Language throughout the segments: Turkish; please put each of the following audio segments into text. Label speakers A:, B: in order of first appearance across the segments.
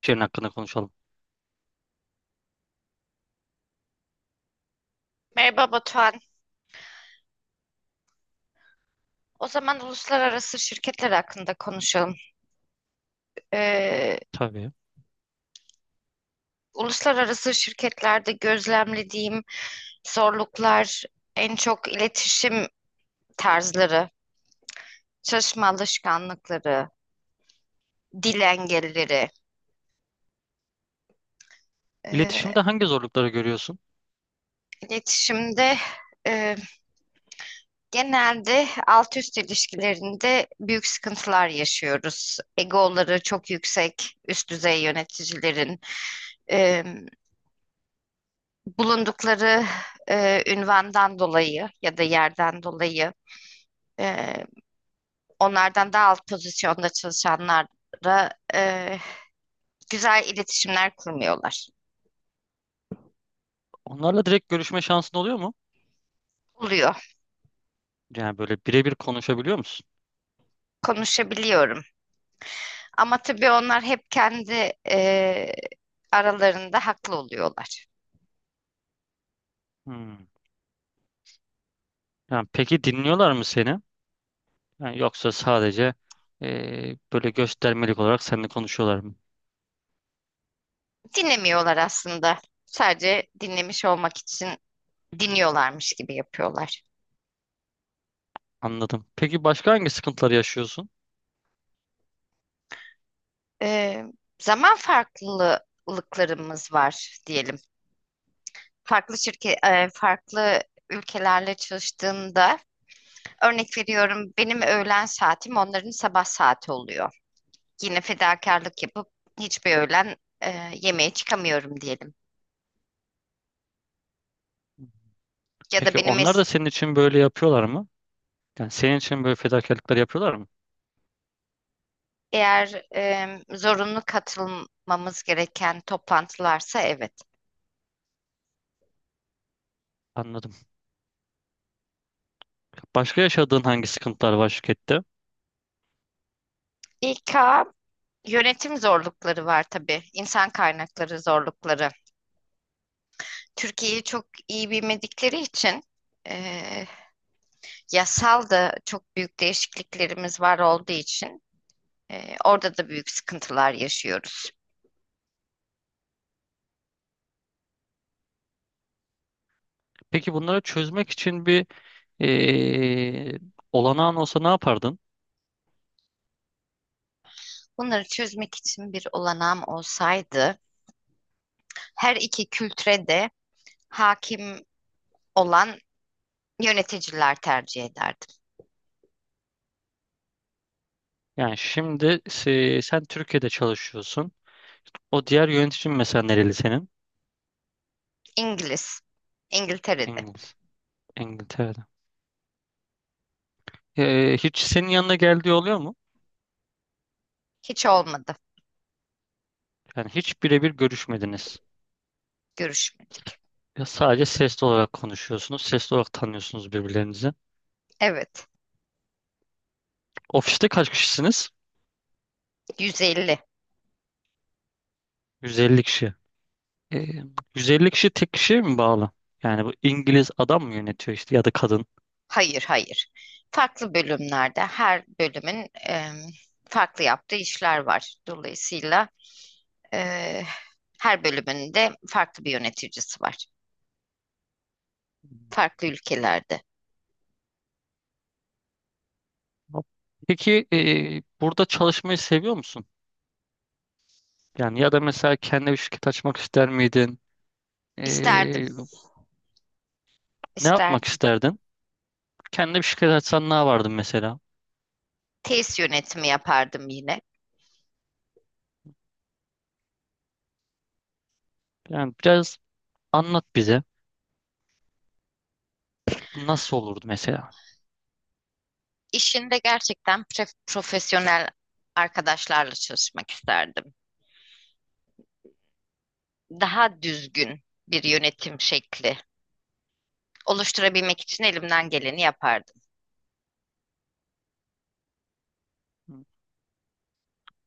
A: Şiirin hakkında konuşalım.
B: Merhaba Batuhan. O zaman uluslararası şirketler hakkında konuşalım. Ee,
A: Tabii.
B: uluslararası şirketlerde gözlemlediğim zorluklar en çok iletişim tarzları, çalışma alışkanlıkları, dil engelleri. Ee,
A: İletişimde hangi zorlukları görüyorsun?
B: iletişimde e, genelde alt üst ilişkilerinde büyük sıkıntılar yaşıyoruz. Egoları çok yüksek, üst düzey yöneticilerin. Ee, Bulundukları ünvandan dolayı ya da yerden dolayı e, onlardan daha alt pozisyonda çalışanlara e, güzel iletişimler kurmuyorlar.
A: Onlarla direkt görüşme şansın oluyor mu?
B: Oluyor.
A: Yani böyle birebir konuşabiliyor musun?
B: Konuşabiliyorum. Ama tabii onlar hep kendi aralarında haklı oluyorlar.
A: Hmm. Yani peki dinliyorlar mı seni? Yani yoksa sadece böyle göstermelik olarak seninle konuşuyorlar mı?
B: Dinlemiyorlar aslında. Sadece dinlemiş olmak için dinliyorlarmış gibi yapıyorlar.
A: Anladım. Peki başka hangi sıkıntılar yaşıyorsun?
B: E, Zaman farklılıklarımız var diyelim. Farklı ülkelerle çalıştığımda örnek veriyorum, benim öğlen saatim onların sabah saati oluyor. Yine fedakarlık yapıp hiçbir öğlen yemeğe çıkamıyorum diyelim. Ya da
A: Peki
B: benim
A: onlar
B: es-
A: da senin için böyle yapıyorlar mı? Yani senin için böyle fedakarlıklar yapıyorlar mı?
B: eğer zorunlu katılmamız gereken toplantılarsa evet.
A: Anladım. Başka yaşadığın hangi sıkıntılar var şirkette?
B: İK yönetim zorlukları var tabii. İnsan kaynakları zorlukları. Türkiye'yi çok iyi bilmedikleri için e, yasal da çok büyük değişikliklerimiz var olduğu için orada da büyük sıkıntılar yaşıyoruz.
A: Peki bunları çözmek için bir eee olanağın olsa ne yapardın?
B: Bunları çözmek için bir olanağım olsaydı her iki kültüre de hakim olan yöneticiler tercih ederdim.
A: Sen Türkiye'de çalışıyorsun. O diğer yöneticin mesela nereli senin?
B: İngiliz, İngiltere'de.
A: İngiliz. İngiltere'de. Hiç senin yanına geldiği oluyor mu?
B: Hiç olmadı,
A: Yani hiç birebir görüşmediniz.
B: görüşmedik.
A: Ya sadece sesli olarak konuşuyorsunuz. Sesli olarak tanıyorsunuz birbirlerinizi.
B: Evet,
A: Ofiste kaç kişisiniz?
B: 150.
A: 150 kişi. Ee, 150 kişi tek kişiye mi bağlı? Yani bu İngiliz adam mı yönetiyor işte ya da kadın?
B: Hayır, hayır. Farklı bölümlerde her bölümün farklı yaptığı işler var. Dolayısıyla Eee, her bölümünde farklı bir yöneticisi var. Farklı ülkelerde.
A: Peki burada çalışmayı seviyor musun? Yani ya da mesela kendi bir şirket açmak ister miydin?
B: İsterdim,
A: Ee, ne yapmak
B: isterdim.
A: isterdin? Kendi bir şirket açsan ne yapardın mesela?
B: Tesis yönetimi yapardım yine.
A: Yani biraz anlat bize. Bu nasıl olurdu mesela?
B: İşinde gerçekten profesyonel arkadaşlarla çalışmak isterdim. Daha düzgün bir yönetim şekli oluşturabilmek için elimden geleni yapardım.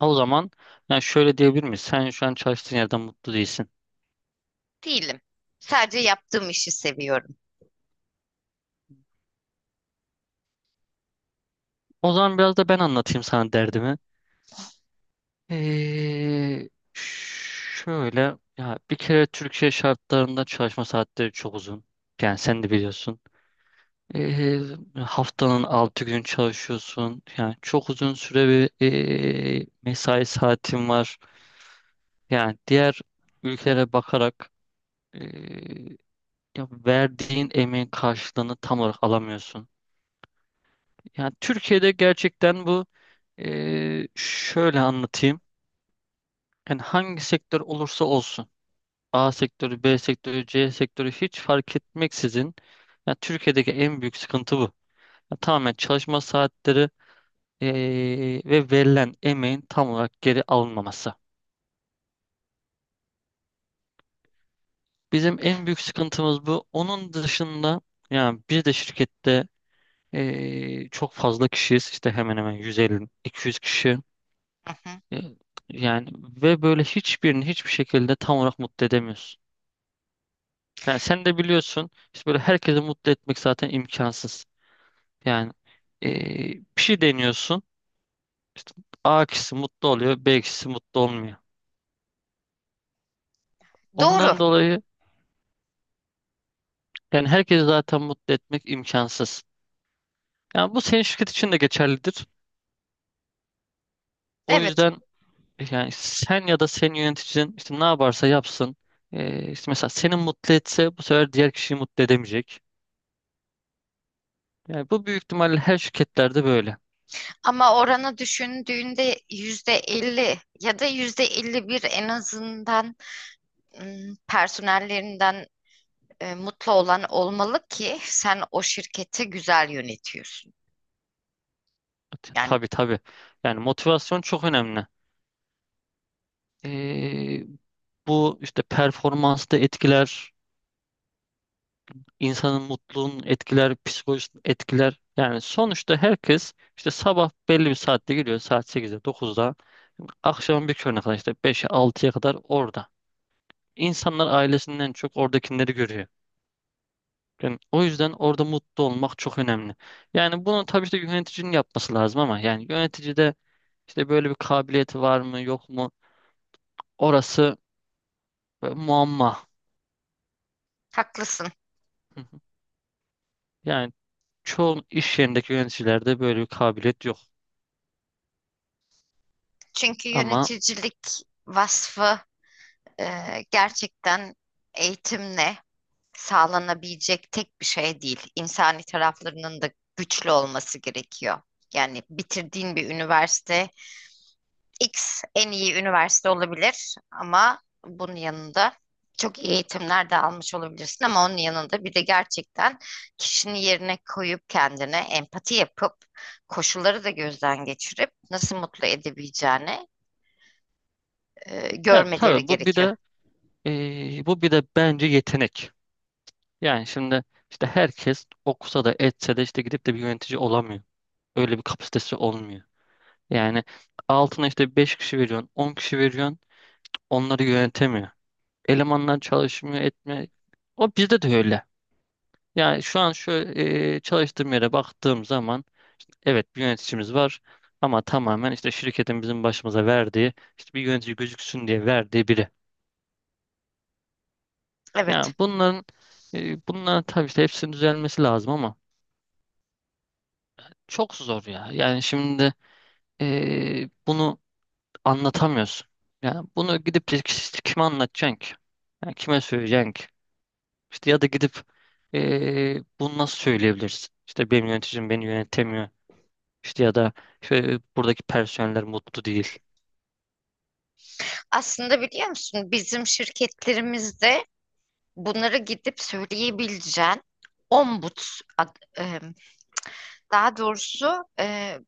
A: O zaman yani şöyle diyebilir miyiz? Sen şu an çalıştığın yerden mutlu değilsin.
B: Değilim. Sadece yaptığım işi seviyorum.
A: O zaman biraz da ben anlatayım sana derdimi. Şöyle ya bir kere Türkiye şartlarında çalışma saatleri çok uzun. Yani sen de biliyorsun. Ee, haftanın 6 gün çalışıyorsun. Yani çok uzun süre bir mesai saatin var. Yani diğer ülkelere bakarak ee, ya verdiğin emeğin karşılığını tam olarak alamıyorsun. Yani Türkiye'de gerçekten bu şöyle anlatayım. Yani hangi sektör olursa olsun. A sektörü, B sektörü, C sektörü hiç fark etmeksizin. Yani Türkiye'deki en büyük sıkıntı bu. Ya tamamen çalışma saatleri ve verilen emeğin tam olarak geri alınmaması. Bizim en büyük sıkıntımız bu. Onun dışında yani biz de şirkette çok fazla kişiyiz. İşte hemen hemen 150-200 kişi.
B: Hı hı.
A: E, Yani ve böyle hiçbirini hiçbir şekilde tam olarak mutlu edemiyorsun. Yani sen de biliyorsun işte böyle herkesi mutlu etmek zaten imkansız. Yani bir şey deniyorsun. İşte A kişisi mutlu oluyor, B kişisi mutlu olmuyor.
B: Doğru.
A: Ondan dolayı yani herkesi zaten mutlu etmek imkansız. Yani bu senin şirket için de geçerlidir. O
B: Evet.
A: yüzden yani sen ya da senin yöneticin işte ne yaparsa yapsın. İşte mesela seni mutlu etse bu sefer diğer kişiyi mutlu edemeyecek. Yani bu büyük ihtimalle her şirketlerde böyle.
B: Ama oranı düşündüğünde %50 ya da %51 en azından personellerinden mutlu olan olmalı ki sen o şirketi güzel yönetiyorsun. Yani
A: Tabii, tabii. Yani motivasyon çok önemli. Ee, bu işte performansı da etkiler. İnsanın mutluluğunu etkiler, psikolojisini etkiler. Yani sonuçta herkes işte sabah belli bir saatte geliyor, saat sekizde, dokuzda, akşam bir körüne kadar işte beşe, altıya kadar orada. İnsanlar ailesinden çok oradakileri görüyor. Yani o yüzden orada mutlu olmak çok önemli. Yani bunu tabii işte yöneticinin yapması lazım, ama yani yönetici de işte böyle bir kabiliyeti var mı yok mu, orası böyle muamma.
B: haklısın.
A: Hı hı. Yani çoğu iş yerindeki yöneticilerde böyle bir kabiliyet yok.
B: Çünkü
A: Ama
B: yöneticilik vasfı gerçekten eğitimle sağlanabilecek tek bir şey değil. İnsani taraflarının da güçlü olması gerekiyor. Yani bitirdiğin bir üniversite X en iyi üniversite olabilir ama bunun yanında çok iyi eğitimler de almış olabilirsin, ama onun yanında bir de gerçekten kişinin yerine koyup kendine empati yapıp koşulları da gözden geçirip nasıl mutlu edebileceğini görmeleri
A: tabii bu bir
B: gerekiyor.
A: de bu bir de bence yetenek. Yani şimdi işte herkes okusa da etse de işte gidip de bir yönetici olamıyor. Öyle bir kapasitesi olmuyor. Yani altına işte 5 kişi veriyorsun, 10 kişi veriyorsun, onları yönetemiyor. Elemanlar çalışmıyor, etme. O bizde de öyle. Yani şu an şu çalıştığım yere baktığım zaman evet bir yöneticimiz var, ama tamamen işte şirketin bizim başımıza verdiği, işte bir yönetici gözüksün diye verdiği biri. Yani
B: Evet.
A: bunların e, bunların tabii işte hepsinin düzelmesi lazım ama çok zor ya. Yani şimdi bunu anlatamıyorsun. Yani bunu gidip de kime anlatacaksın ki? Yani kime söyleyeceksin ki? İşte ya da gidip bunu nasıl söyleyebilirsin? İşte benim yöneticim beni yönetemiyor. İşte ya da işte buradaki personeller mutlu değil.
B: Aslında biliyor musun, bizim şirketlerimizde bunları gidip söyleyebileceğin ombuds, daha doğrusu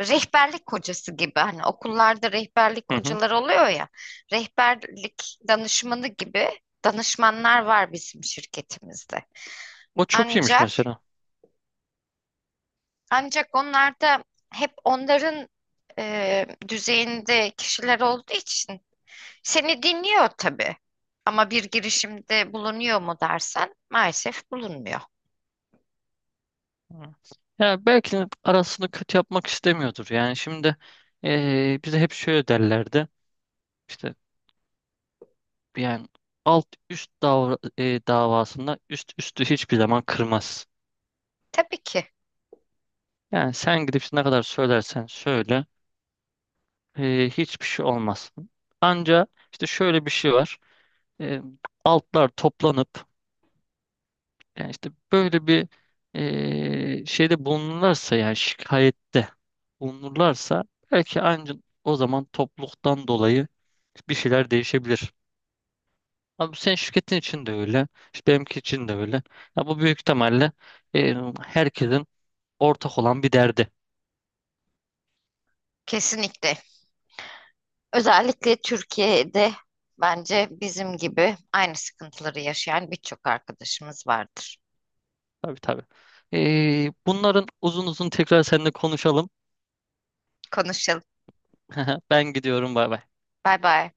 B: rehberlik hocası gibi, hani okullarda rehberlik
A: Hı hı.
B: hocaları oluyor ya, rehberlik danışmanı gibi danışmanlar var bizim şirketimizde.
A: O çok iyiymiş
B: Ancak
A: mesela.
B: ancak onlar da hep onların düzeyinde kişiler olduğu için seni dinliyor tabii. Ama bir girişimde bulunuyor mu dersen, maalesef bulunmuyor.
A: Hı. Ya belki de arasını kötü yapmak istemiyordur. Yani şimdi bize hep şöyle derlerdi. İşte yani alt üst davra- e, davasında üst üstü hiçbir zaman kırmaz.
B: Tabii ki.
A: Yani sen gidip ne kadar söylersen söyle hiçbir şey olmaz. Anca işte şöyle bir şey var. E, altlar toplanıp yani işte böyle bir şeyde bulunurlarsa yani şikayette bulunurlarsa belki anca o zaman topluluktan dolayı bir şeyler değişebilir. Abi bu senin şirketin için de öyle. İşte benimki için de öyle. Ya bu büyük ihtimalle e, herkesin ortak olan bir derdi.
B: Kesinlikle. Özellikle Türkiye'de bence bizim gibi aynı sıkıntıları yaşayan birçok arkadaşımız vardır.
A: Tabii, tabii. Bunların uzun uzun tekrar seninle konuşalım.
B: Konuşalım.
A: Ben gidiyorum, bay bay.
B: Bay bay.